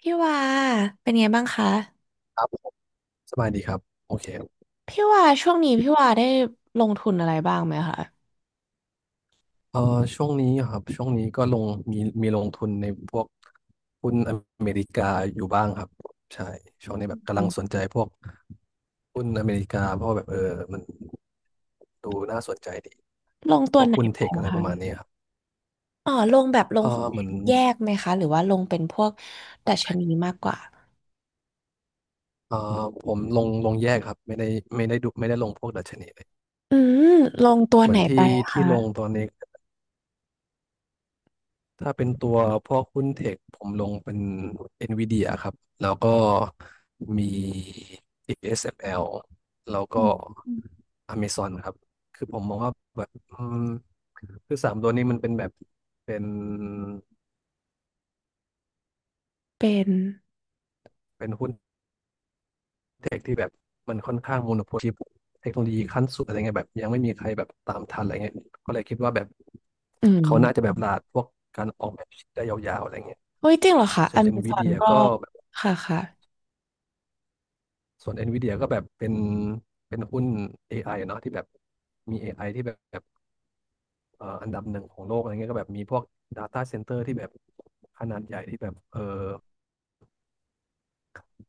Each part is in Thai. พี่ว่าเป็นไงบ้างคะครับสบายดีครับ โอเคพี่ว่าช่วงนี้พี่ว่าได้ลงทุนอะไรบ้างไหมคะเอ่อช่วงนี้อครับช่วงนี้ก็ลงมีลงทุนในพวกหุ้นอเมริกาอยู่บ้างครับใช่ช่วงนี้แบบกำลังสนใจพวกหุ้นอเมริกาเพราะว่าแบบมันดูน่าสนใจดีลงไพวกหุ้นเทหนคอะไรประมาณคะนี้ครับอ๋อลงแบบลเองอหุ้นเหมือนแยกไหมคะหรือว่าลงเป็นพวกดัชนีมากกว่าเออผมลงแยกครับ ไม่ได้ลงพวกดัชนีเลยอืมลงตัวเหมืไหนอนที่ไปอะที่คะลงตอนนี้ ถ้าเป็นตัวพวกหุ้นเทคผมลงเป็น NVIDIA ครับแล้วก็มี ASML แอลแล้วก็ Amazon ครับคือผมมองว่าแบบคือสามตัวนี้มันเป็นแบบเป็นเป็นเป็นหุ้นเทคที่แบบมันค่อนข้างโมโนโพลีเทคโนโลยีขั้นสุดอะไรเงี้ยแบบยังไม่มีใครแบบตามทันอะไรเงี้ยก็เลยคิดว่าแบบอืเขาน่าจะมแบบตลาดพวกการออกแบบชิปได้ยาวๆอะไรเงี้ยเฮ้ยจริงเหรอคะส่อวน เมซอน NVIDIA ก็ก็ ค่ะค่ะส่วน NVIDIA ก็แบบเป็นหุ้น AI อไออะเนาะที่แบบมี AI ที่แบบอันดับหนึ่งของโลกอะไรเงี้ยก็แบบมีพวก Data Center ที่แบบขนาดใหญ่ที่แบบเออ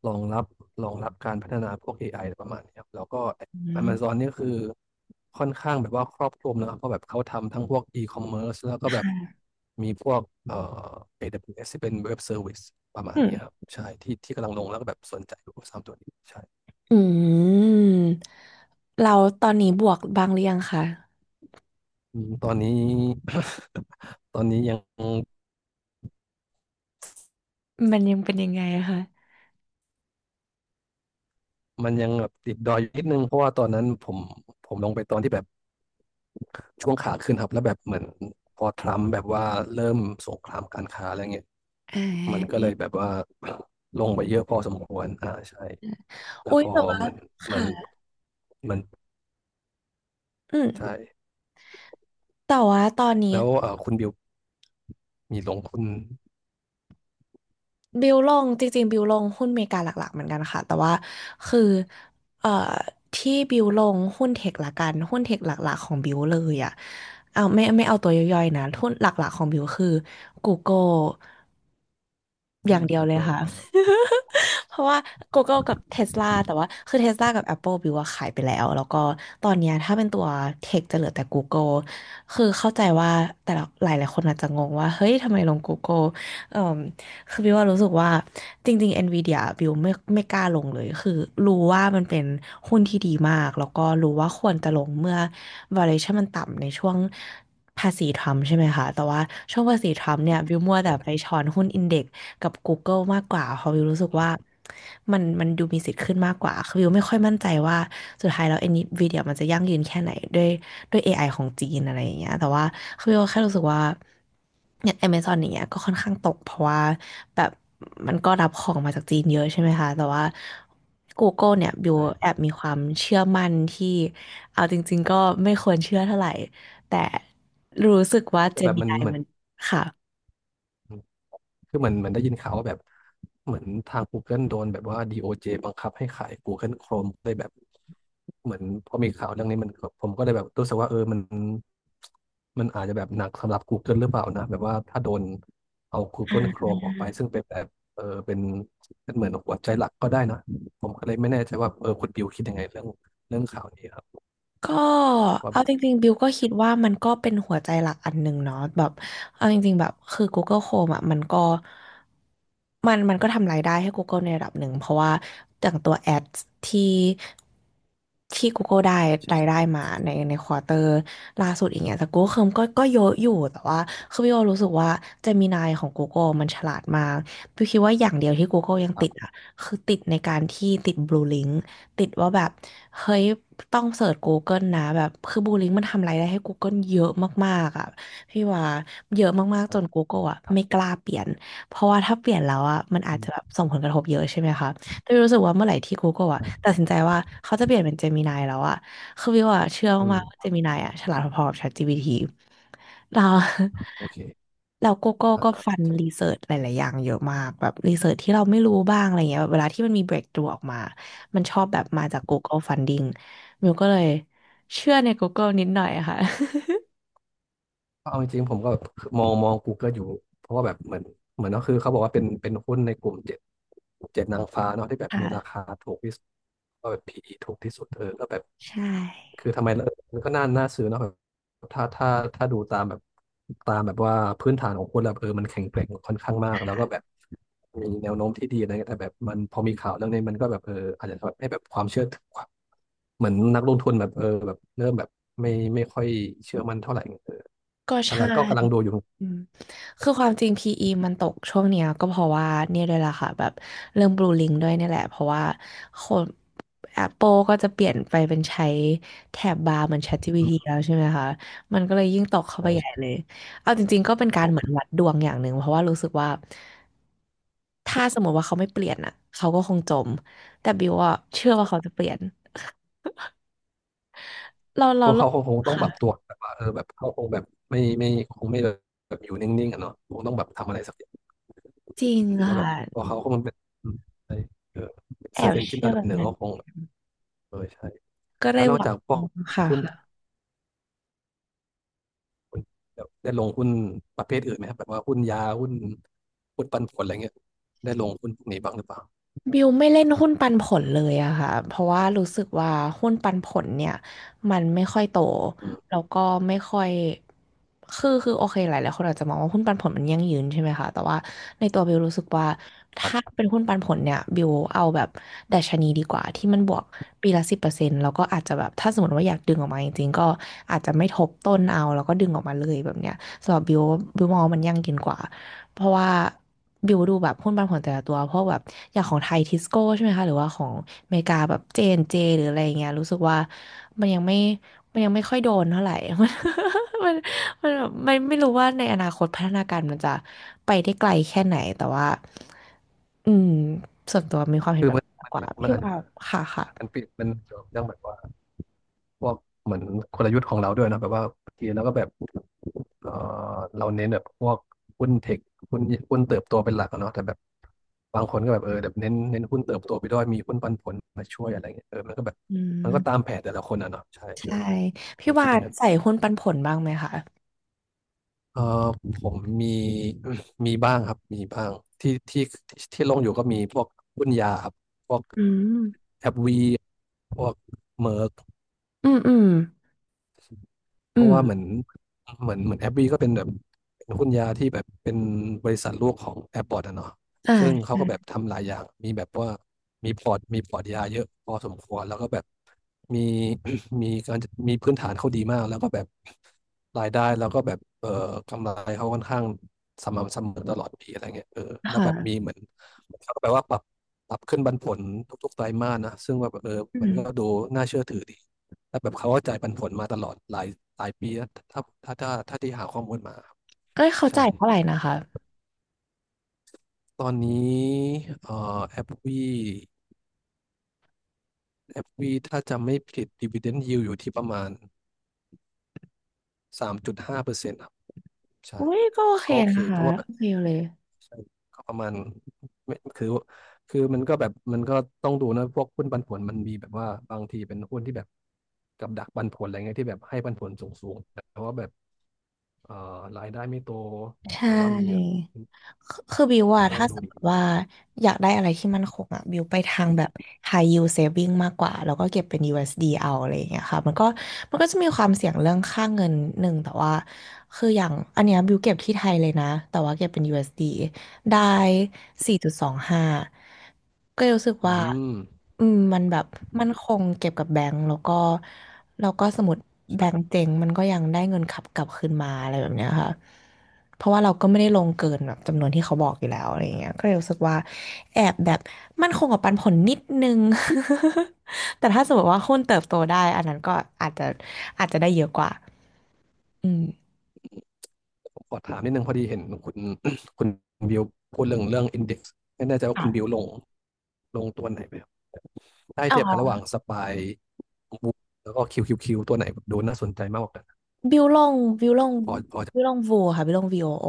รองรับรองรับการพัฒนาพวก AI อไออะไรประมาณนี้ครับแล้วก็ อื Amazon มนี่ก็คือค่อนข้างแบบว่าครอบคลุมนะครับเพราะแบบเขาทำทั้งพวก e-commerce แล้วก็คแบบ่ะมีพวกเอ่อ AWS ที่เป็น Web Service ประมาอืณมนี้ครับใช่ที่ที่กำลังลงแล้วก็แบบสนใจอยู่สามตัวนี้ใช่ อืมเราตอนนี้บวกบ้างหรือยังคะอืมตอนนี้ ตอนนี้ยังมันยังเป็นยังไงอะคะมันยังแบบติดดอยอยู่นิดนึงเพราะว่าตอนนั้นผมลงไปตอนที่แบบช่วงขาขึ้นครับแล้วแบบเหมือนพอทรัมป์แบบว่าเริ่มสงครามการค้าอะไรเงี้ยอ่มันก็เลายแบบว่า ลงไปเยอะพอสมควรอ่าใช่แล้อุ้วยพอแต่ว่ามันมันค่ะมันอืใช่ม แต่ว่าตอนนี้แล้วคุณบิวมีลงคุณบิวลงจริงๆบิวลงหุ้นอเมริกาหลักๆเหมือนกันค่ะแต่ว่าคือเอ่อที่บิวลงหุ้นเทคละกันหุ้นเทคหลักๆของบิวเลยอ่ะเอาไม่ไม่เอาตัวย่อยๆนะหุ้นหลักๆของบิวคือ Google อือย่ามงเดีผยวมเลยก็ค่ะ อ่า เพราะว่า Google กับ Tesla แต่ว่าคือ Tesla กับ Apple บิวว่าขายไปแล้วแล้วก็ตอนเนี้ยถ้าเป็นตัวเทคจะเหลือแต่ Google คือเข้าใจว่าแต่ละหลายหลายคนอาจจะงงว่าเฮ้ยทำไมลง Google เอ่มคือบิวว่ารู้สึกว่าจริงๆ Nvidia บิวไม่ไม่กล้าลงเลยคือรู้ว่ามันเป็นหุ้นที่ดีมากแล้วก็รู้ว่าควรจะลงเมื่อ valuation มันต่ำในช่วงภาษีทรัมป์ใช่ไหมคะแต่ว่าช่วงภาษีทรัมป์เนี่ยบิวมัวแต่ไปใช่ช้อนหุ้นอินเด็กซ์ กับ Google มากกว่าเพราะวิวรู้สึกว่ามันดูมีสิทธิ์ขึ้นมากกว่าคือวิวไม่ค่อยมั่นใจว่าสุดท้ายแล้ว NVIDIA มันจะยั่งยืนแค่ไหนด้วยด้วย AI ของจีนอะไรอย่างเงี้ยแต่ว่าคือวิวแค่รู้สึกว่าอย่าง Amazon อย่างเงี้ยก็ค่อนข้างตกเพราะว่าแบบมันก็รับของมาจากจีนเยอะใช่ไหมคะแต่ว่า Google เนี่ยบิวใช่แอบมีความเชื่อมั่นที่เอาจริงๆก็ไม่ควรเชื่อเท่าไหร่แต่รู้สึกว่า แต่แบบมัน Gemini เหมือน มันค่ะ คือเหมือนเหมันได้ยินข่าวว่าแบบเหมือนทาง Google โดนแบบว่า DOJ บังคับให้ขาย Google Chrome ได้แบบเหมือนพอมีข่าวเรื่องนี้มันก็ผมก็เลยแบบรู้สึกว่าเออมันอาจจะแบบหนักสำหรับ Google หรือเปล่านะแบบว่าถ้าโดนเอา Google Chrome ออกไปซึ่งเป็นแบบเออเป็นเหมือนหัวใจหลักก็ได้นะผมก็เลยไม่แน่ใจว่าเออคุณบิวคิดยังไงเรื่องข่าวนี้ครับก็ว่าเอาแบบจริงๆบิวก็คิดว่ามันก็เป็นหัวใจหลักอันหนึ่งเนาะแบบเอาจริงๆแบบคือ Google Chrome อ่ะมันก็มันก็ทำรายได้ให้ Google ในระดับหนึ่งเพราะว่าจากตัวแอดที่ที่ Google ได้รายได้มาในควอเตอร์ล่าสุดอย่างเงี้ยแต่ Google Chrome ก็เยอะอยู่แต่ว่าคือบิวรู้สึกว่า Gemini ของ Google มันฉลาดมากบิวคิดว่าอย่างเดียวที่ Google ยังคติรัดบอ่ะคือติดในการที่ติด Blue Link ติดว่าแบบเฮ้ยต้องเสิร์ช Google นะแบบคือบูลลิงมันทำรายได้ให้ Google เยอะมากๆอ่ะพี่ว่าเยอะมากๆจน Google อ่ะครัไม่กบล้าเปลี่ยนเพราะว่าถ้าเปลี่ยนแล้วอ่ะมันอาอืจจะแบบมส่งผลกระทบเยอะใช่ไหมคะแต่วิวรู้สึกว่าเมื่อไหร่ที่ Google อ่ะใช่ตัดสินใจว่าเขาจะเปลี่ยนเป็น Gemini แล้วอ่ะคือวิวอ่ะเชื่ออืมากๆว่า ม Gemini อ่ะฉลาดพอๆกับ ChatGPT เราโอเคเราโกโก้ ก็อ่ฟันรีา เสิร์ชหลายๆอย่างเยอะมากแบบรีเสิร์ชที่เราไม่รู้บ้างอะไรเงี้ยแบบเวลาที่มันมี breakthrough ออกมามันชอบแบบมาจาก Google Funding มิวก็เลยเชื่อใน Google นิดหน่อยอะค่ะ เอาจริงๆผมก็แบบมอง Google อยู่เพราะว่าแบบเหมือนก็คือเขาบอกว่าเป็นหุ้นในกลุ่มเจ็ดนางฟ้าเนาะที่แบ บมีราค่ะคาถูกที่สุดก็แบบ PE ถูกที่สุดเออก็แบบใช่คือทำไมเออมันก็น่าน่าซื้อเนาะ ถ้าถ้าดูตามแบบตามแบบว่าพื้นฐานของคนแล้วเออมันแข็งแกร่งค่อนข้างมากแล้วก็แบบมีแนวโน้มที่ดีอะไรเงี้ยแต่แบบมันพอมีข่าวเรื่องนี้มันก็แบบเอออาจจะแบบให้แบบความเชื่อถือความเหมือนนักลงทุนแบบเออแบบเริ่มแบบไม่ไม่ค่อยเชื่อมั่นเท่าไหร่เออก็กำใช่ ลังก็กำลังดูอยู่อืมคือความจริง PE มันตกช่วงเนี้ยก็เพราะว่าเนี่ยด้วยล่ะค่ะแบบเรื่องบลูลิงด้วยเนี่ยแหละเพราะว่าคน Apple ก็จะเปลี่ยนไปเป็นใช้แถบบาร์เหมือน อื ChatGPT มแล้วใช่ไหมคะมันก็เลยยิ่งตกเข้าไปใช่ใหญ่ใช่เลยเอาจริงๆก็เป็นการเหมือนวัดดวงอย่างหนึ่งเพราะว่ารู้สึกว่าถ้าสมมติว่าเขาไม่เปลี่ยนอ่ะเขาก็คงจมแต่บิวอะเชื่อว่าเขาจะเปลี่ยนเราพเราวกโลเขากคงต้องปรับค่ะตัวแบบว่าเออแบบเขาคงแบบไม่ไม่คงไม่แบบอยู่นิ่งๆอ่ะเนาะคงต้องแบบทำอะไรสักอย่างจริอืงมว่าแบค่ะบพอเขาคงเป็นอืมใช่เออแอเซิร์ชบเอนจินเชื่ออันดัแบบบหนึ่งนั้นก็คง เออใช่ก็แล้ได้วนอหกวัจางกพวกหุ้นที่ค่ะ คุณได้ลงหุ้นประเภทอื่นไหมครับแบบว่าหุ้นยาหุ้นปันผลอะไรเงี้ยได้ลงหุ้นพวกนี้บ้างหรือเปล่าบิวไม่เล่นหุ้นปันผลเลยอะค่ะเพราะว่ารู้สึกว่าหุ้นปันผลเนี่ยมันไม่ค่อยโตอืมแล้วก็ไม่ค่อยคือโอเคหลายหลายคนอาจจะมองว่าหุ้นปันผลมันยั่งยืนใช่ไหมคะแต่ว่าในตัวบิวรู้สึกว่าครถ้าับเป็นหุ้นปันผลเนี่ยบิวเอาแบบดัชนีดีกว่าที่มันบวกปีละ10%แล้วก็อาจจะแบบถ้าสมมติว่าอยากดึงออกมาจริงๆก็อาจจะไม่ทบต้นเอาแล้วก็ดึงออกมาเลยแบบเนี้ยสำหรับบิวบิวมองว่ามันยั่งยืนกว่า เพราะว่าบิวดูแบบหุ้นปันผลแต่ละตัวเพราะแบบอย่างของไทยทิสโก้ใช่ไหมคะหรือว่าของอเมริกาแบบเจนเจหรืออะไรเงี้ยรู้สึกว่ามันยังไม่มันยังไม่ค่อยโดนเท่าไหร่ มันมันแบบมันไม่รู้ว่าในอนาคตพัฒนาการมันจะไปได้ไกลแค่ไหนแต่ว่าอืมส่วนตัวมีความเห็นคือแบบมันนี้มากมันกว่ามันมันพี่อาจจะว่าค่ะค่ะมันเกี่ยวกับเรื่องแบบว่าพวกเหมือนกลยุทธ์ของเราด้วยนะแบบว่าบางทีเราก็แบบเออเราเน้นแบบพวกหุ้นเทคหุ้นหุ้นเติบโตเป็นหลักอะเนาะแต่แบบบางคนก็แบบเออแบบเน้นหุ้นเติบโตไปด้วยมีหุ้นปันผลมาช่วยอะไรเงี้ยเออมันก็แบบอืมันมก็ตามแผนแต่ละคนอะเนาะใช่เออใช่ผพี่มคิว่าดอย่างนั้น ใส่หุ้นปันผลบ้างไหมคะเออผมมี มีบ้างครับมีบ้างที่ที่ที่ลงอยู่ก็มีพวกหุ้นยาครับพวกอืมแอปวีพวกเมอร์ อืมอืมเพอืราะว่าเหมือนมเหมือนเหมือนแอปบีก็เป็นแบบเป็นหุ้นยาที่แบบเป็นบริษัทลูกของแอปพอร์ตอะเนาะอ่าซึ่งเขาก็แบบใช่ทำหลายอย่างมีแบบว่ามีพอร์ตมีพอร์ตยาเยอะพอสมควรแล้วก็แบบมี มีการมีพื้นฐานเขาดีมากแล้วก็แบบรายได้แล้วก็แบบกำไรเขาค่อนข้างสม่ำเสมอตลอดปีอะไรเงี้ยเออแล้วแบบมีค่ะเหมือนเขาก็แปลว่าปรับขึ้นปันผลทุกๆไตรมาสนะซึ่งว่าแบบเอออืมันม ก็ดูน่าเชื่อถือดี แล้วแบบเขาก็จ่ายปันผลมาตลอดหลายหลายปีแล้วถ้าที่หาข้อมูลมาครับเอ้ยเขาใช่จ่ายเท่าไหร่นะคะ ตอนนี้เอ่อแอปวีแอปวีถ้าจำไม่ผิดดีว i เดน d i ยิวอยู่ที่ประมาณ3.5%ครับใช่อุ้ยก็โอเคก็โอเคนะเพคะราะว่าแบโอบเคเลย ใช่ก็ประมาณไม่คือมันก็แบบมันก็ต้องดูนะพวกหุ้นปันผลมันมีแบบว่าบางทีเป็นหุ้นที่แบบกับดักปันผลอะไรเงี้ยที่แบบให้ปันผลสูงๆแต่ว่าแบบรายได้ไม่โตใชแต่ว่ามี่คือบิวว่ามันก็ต้อถ้างดูสมมดี ติว่าอยากได้อะไรที่มันคงอ่ะบิวไปทางแบบ high yield saving มากกว่า แล้วก็เก็บเป็น USD เอสดีเอาอะไรอย่างเงี้ยค่ะมันก็จะมีความเสี่ยงเรื่องค่าเงินหนึ่งแต่ว่า คืออย่างอันเนี้ยบิวเก็บที่ไทยเลยนะ แต่ว่าเก็บเป็น USD ได้4.25ก็เลยรู้สึกอืว่ามอืมมันแบบ มันคงเก็บกับแบงก์แล้วก็สมมติแบใช่งก์เจ๊งมันก็ยังได้เงินขับกลับคืนมาอะไรแบบเนี้ยค่ะเพราะว่าเราก็ไม่ได้ลงเกินแบบจำนวนที่เขาบอกอยู่แล้วอะไรอย่างเงี้ยก็เลยรู้สึกว่าแอบแบบมันคงกับปันผลนิดนึง แต่ถ้าสมมติว่าหุ้นเติบโตได้อันนั้นก็อาจจะอาจจะได้เยอะกว่าอืมผมขอถามนิดนึงพอดีเห็นคุณ คุณบิวพูดเรื่องอินเด็กซ์ไม่แน่ใจว่าค่คุณบิวลงตัวไหนไปครับได้เทียบกันะ ระหว่างสปายบุ๊กแล้วก็คิวคิวคิวตัวไหนแบบดูน่าสนใจมากกว่ากันบิวลงบิวลงพอจะบิวลงวูค่ะบิวลงวีโอโอ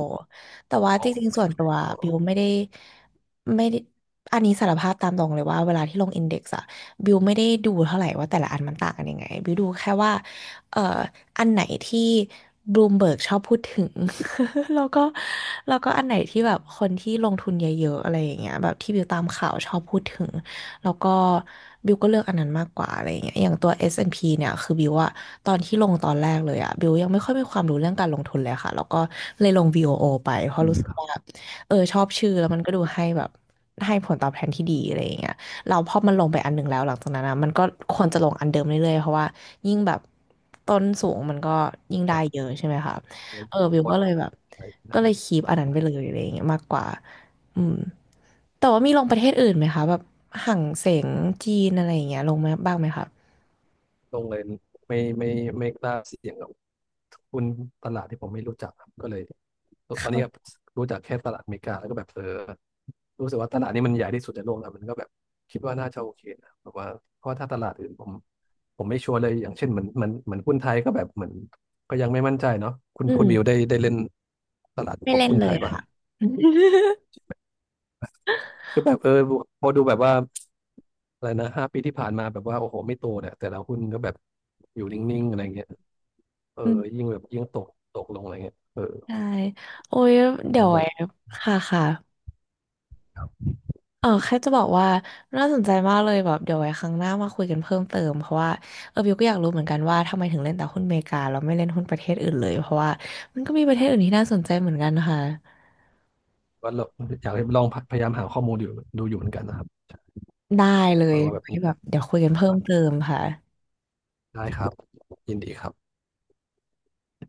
แต่ว่าจเอาริงๆส่วใช่นไหมตัวบิวไม่ได้อันนี้สารภาพตามตรงเลยว่าเวลาที่ลงอินเด็กซ์อะบิวไม่ได้ดูเท่าไหร่ว่าแต่ละอันมันต่างกันยังไงบิวดูแค่ว่าเอ่ออันไหนที่บลูมเบิร์กชอบพูดถึง แล้วก็แล้วก็อันไหนที่แบบคนที่ลงทุนเยอะๆอะไรอย่างเงี้ยแบบที่บิวตามข่าวชอบพูดถึง แล้วก็บิวก็เลือกอันนั้นมากกว่าอะไรอย่างเงี้ยอย่างตัว S&P เนี่ยคือบิวอะตอนที่ลงตอนแรกเลยอะบิวยังไม่ค่อยมีความรู้เรื่องการลงทุนเลยค่ะแล้วก็เลยลง VOO ไปเพราะอืรู้มสึกครับว่าเออชอบชื่อแล้วมันก็ดูให้แบบให้ผลตอบแทนที่ดีอะไรอย่างเงี้ยเราพอมันลงไปอันหนึ่งแล้วหลังจากนั้นอะมันก็ควรจะลงอันเดิมเรื่อยๆเพราะว่ายิ่งแบบต้นสูงมันก็ยิ่งได้เยอ่ะอะใช่ไหมคะงั้นเออตกบิวต้ก็นเลยเข้าไปแบบใช่ ก็เลยคีปอันนั้นไปเลยอะไรอย่างเงี้ยมากกว่า อืมแต่ว่ามีลงประเทศอื่นไหมคะแบบหั่งเสงจีนอะไรอย่างเงี้ยลงไหมบ้างไหมคะลงเลยไม่ไม่ไม่กล้าเสี่ยงกับหุ้นตลาดที่ผมไม่รู้จักครับก็เลยตอนนี้ครบรู้จักแค่ตลาดอเมริกาแล้วก็แบบเออรู้สึกว่าตลาดนี้มันใหญ่ที่สุดในโลกแล้วมันก็แบบคิดว่าน่าจะโอเคนะแบบว่าเพราะว่าถ้าตลาดอื่นผมไม่ชัวร์เลยอย่างเช่นเหมือนหุ้นไทยก็แบบเหมือนก็ยังไม่มั่นใจเนาะคุณอืคุณบิวได้มได้เล่นตลาดไม่พวกเล่นหุ้นเลไทยยป่ะค่ะ คือแบบเออพอดูแบบว่าอะไรนะ5 ปีที่ผ่านมาแบบว่าโอ้โหไม่โตเนี่ยแต่ละหุ้นก็แบบอยู่นิ่งๆอะไรเงี้ย เอออืมยิ่งแบบยิ่งตกตกลงอะไรเงี้ยเออใช่โอ้ยเหเดี๋ยมือวนแบไว้บค่ะค่ะเออแค่จะบอกว่าน่าสนใจมากเลยแบบเดี๋ยวไว้ครั้งหน้ามาคุยกันเพิ่มเติมเพราะว่าเออบิวก็อยากรู้เหมือนกันว่าทำไมถึงเล่นแต่หุ้นอเมริกาแล้วไม่เล่นหุ้นประเทศอื่นเลยเพราะว่ามันก็มีประเทศอื่นที่น่าสนใจเหมือนกันค่ะว่าเราอยากลองพยายามหาข้อมูลอยู่ดูอยู่เหมือนกันนะครับได้เลเอยอว่าแบบไว้นี้แบบเดี๋ยวคุยกันใช่เพิ่มปะเติมค่ะได้ครับยินดีครับ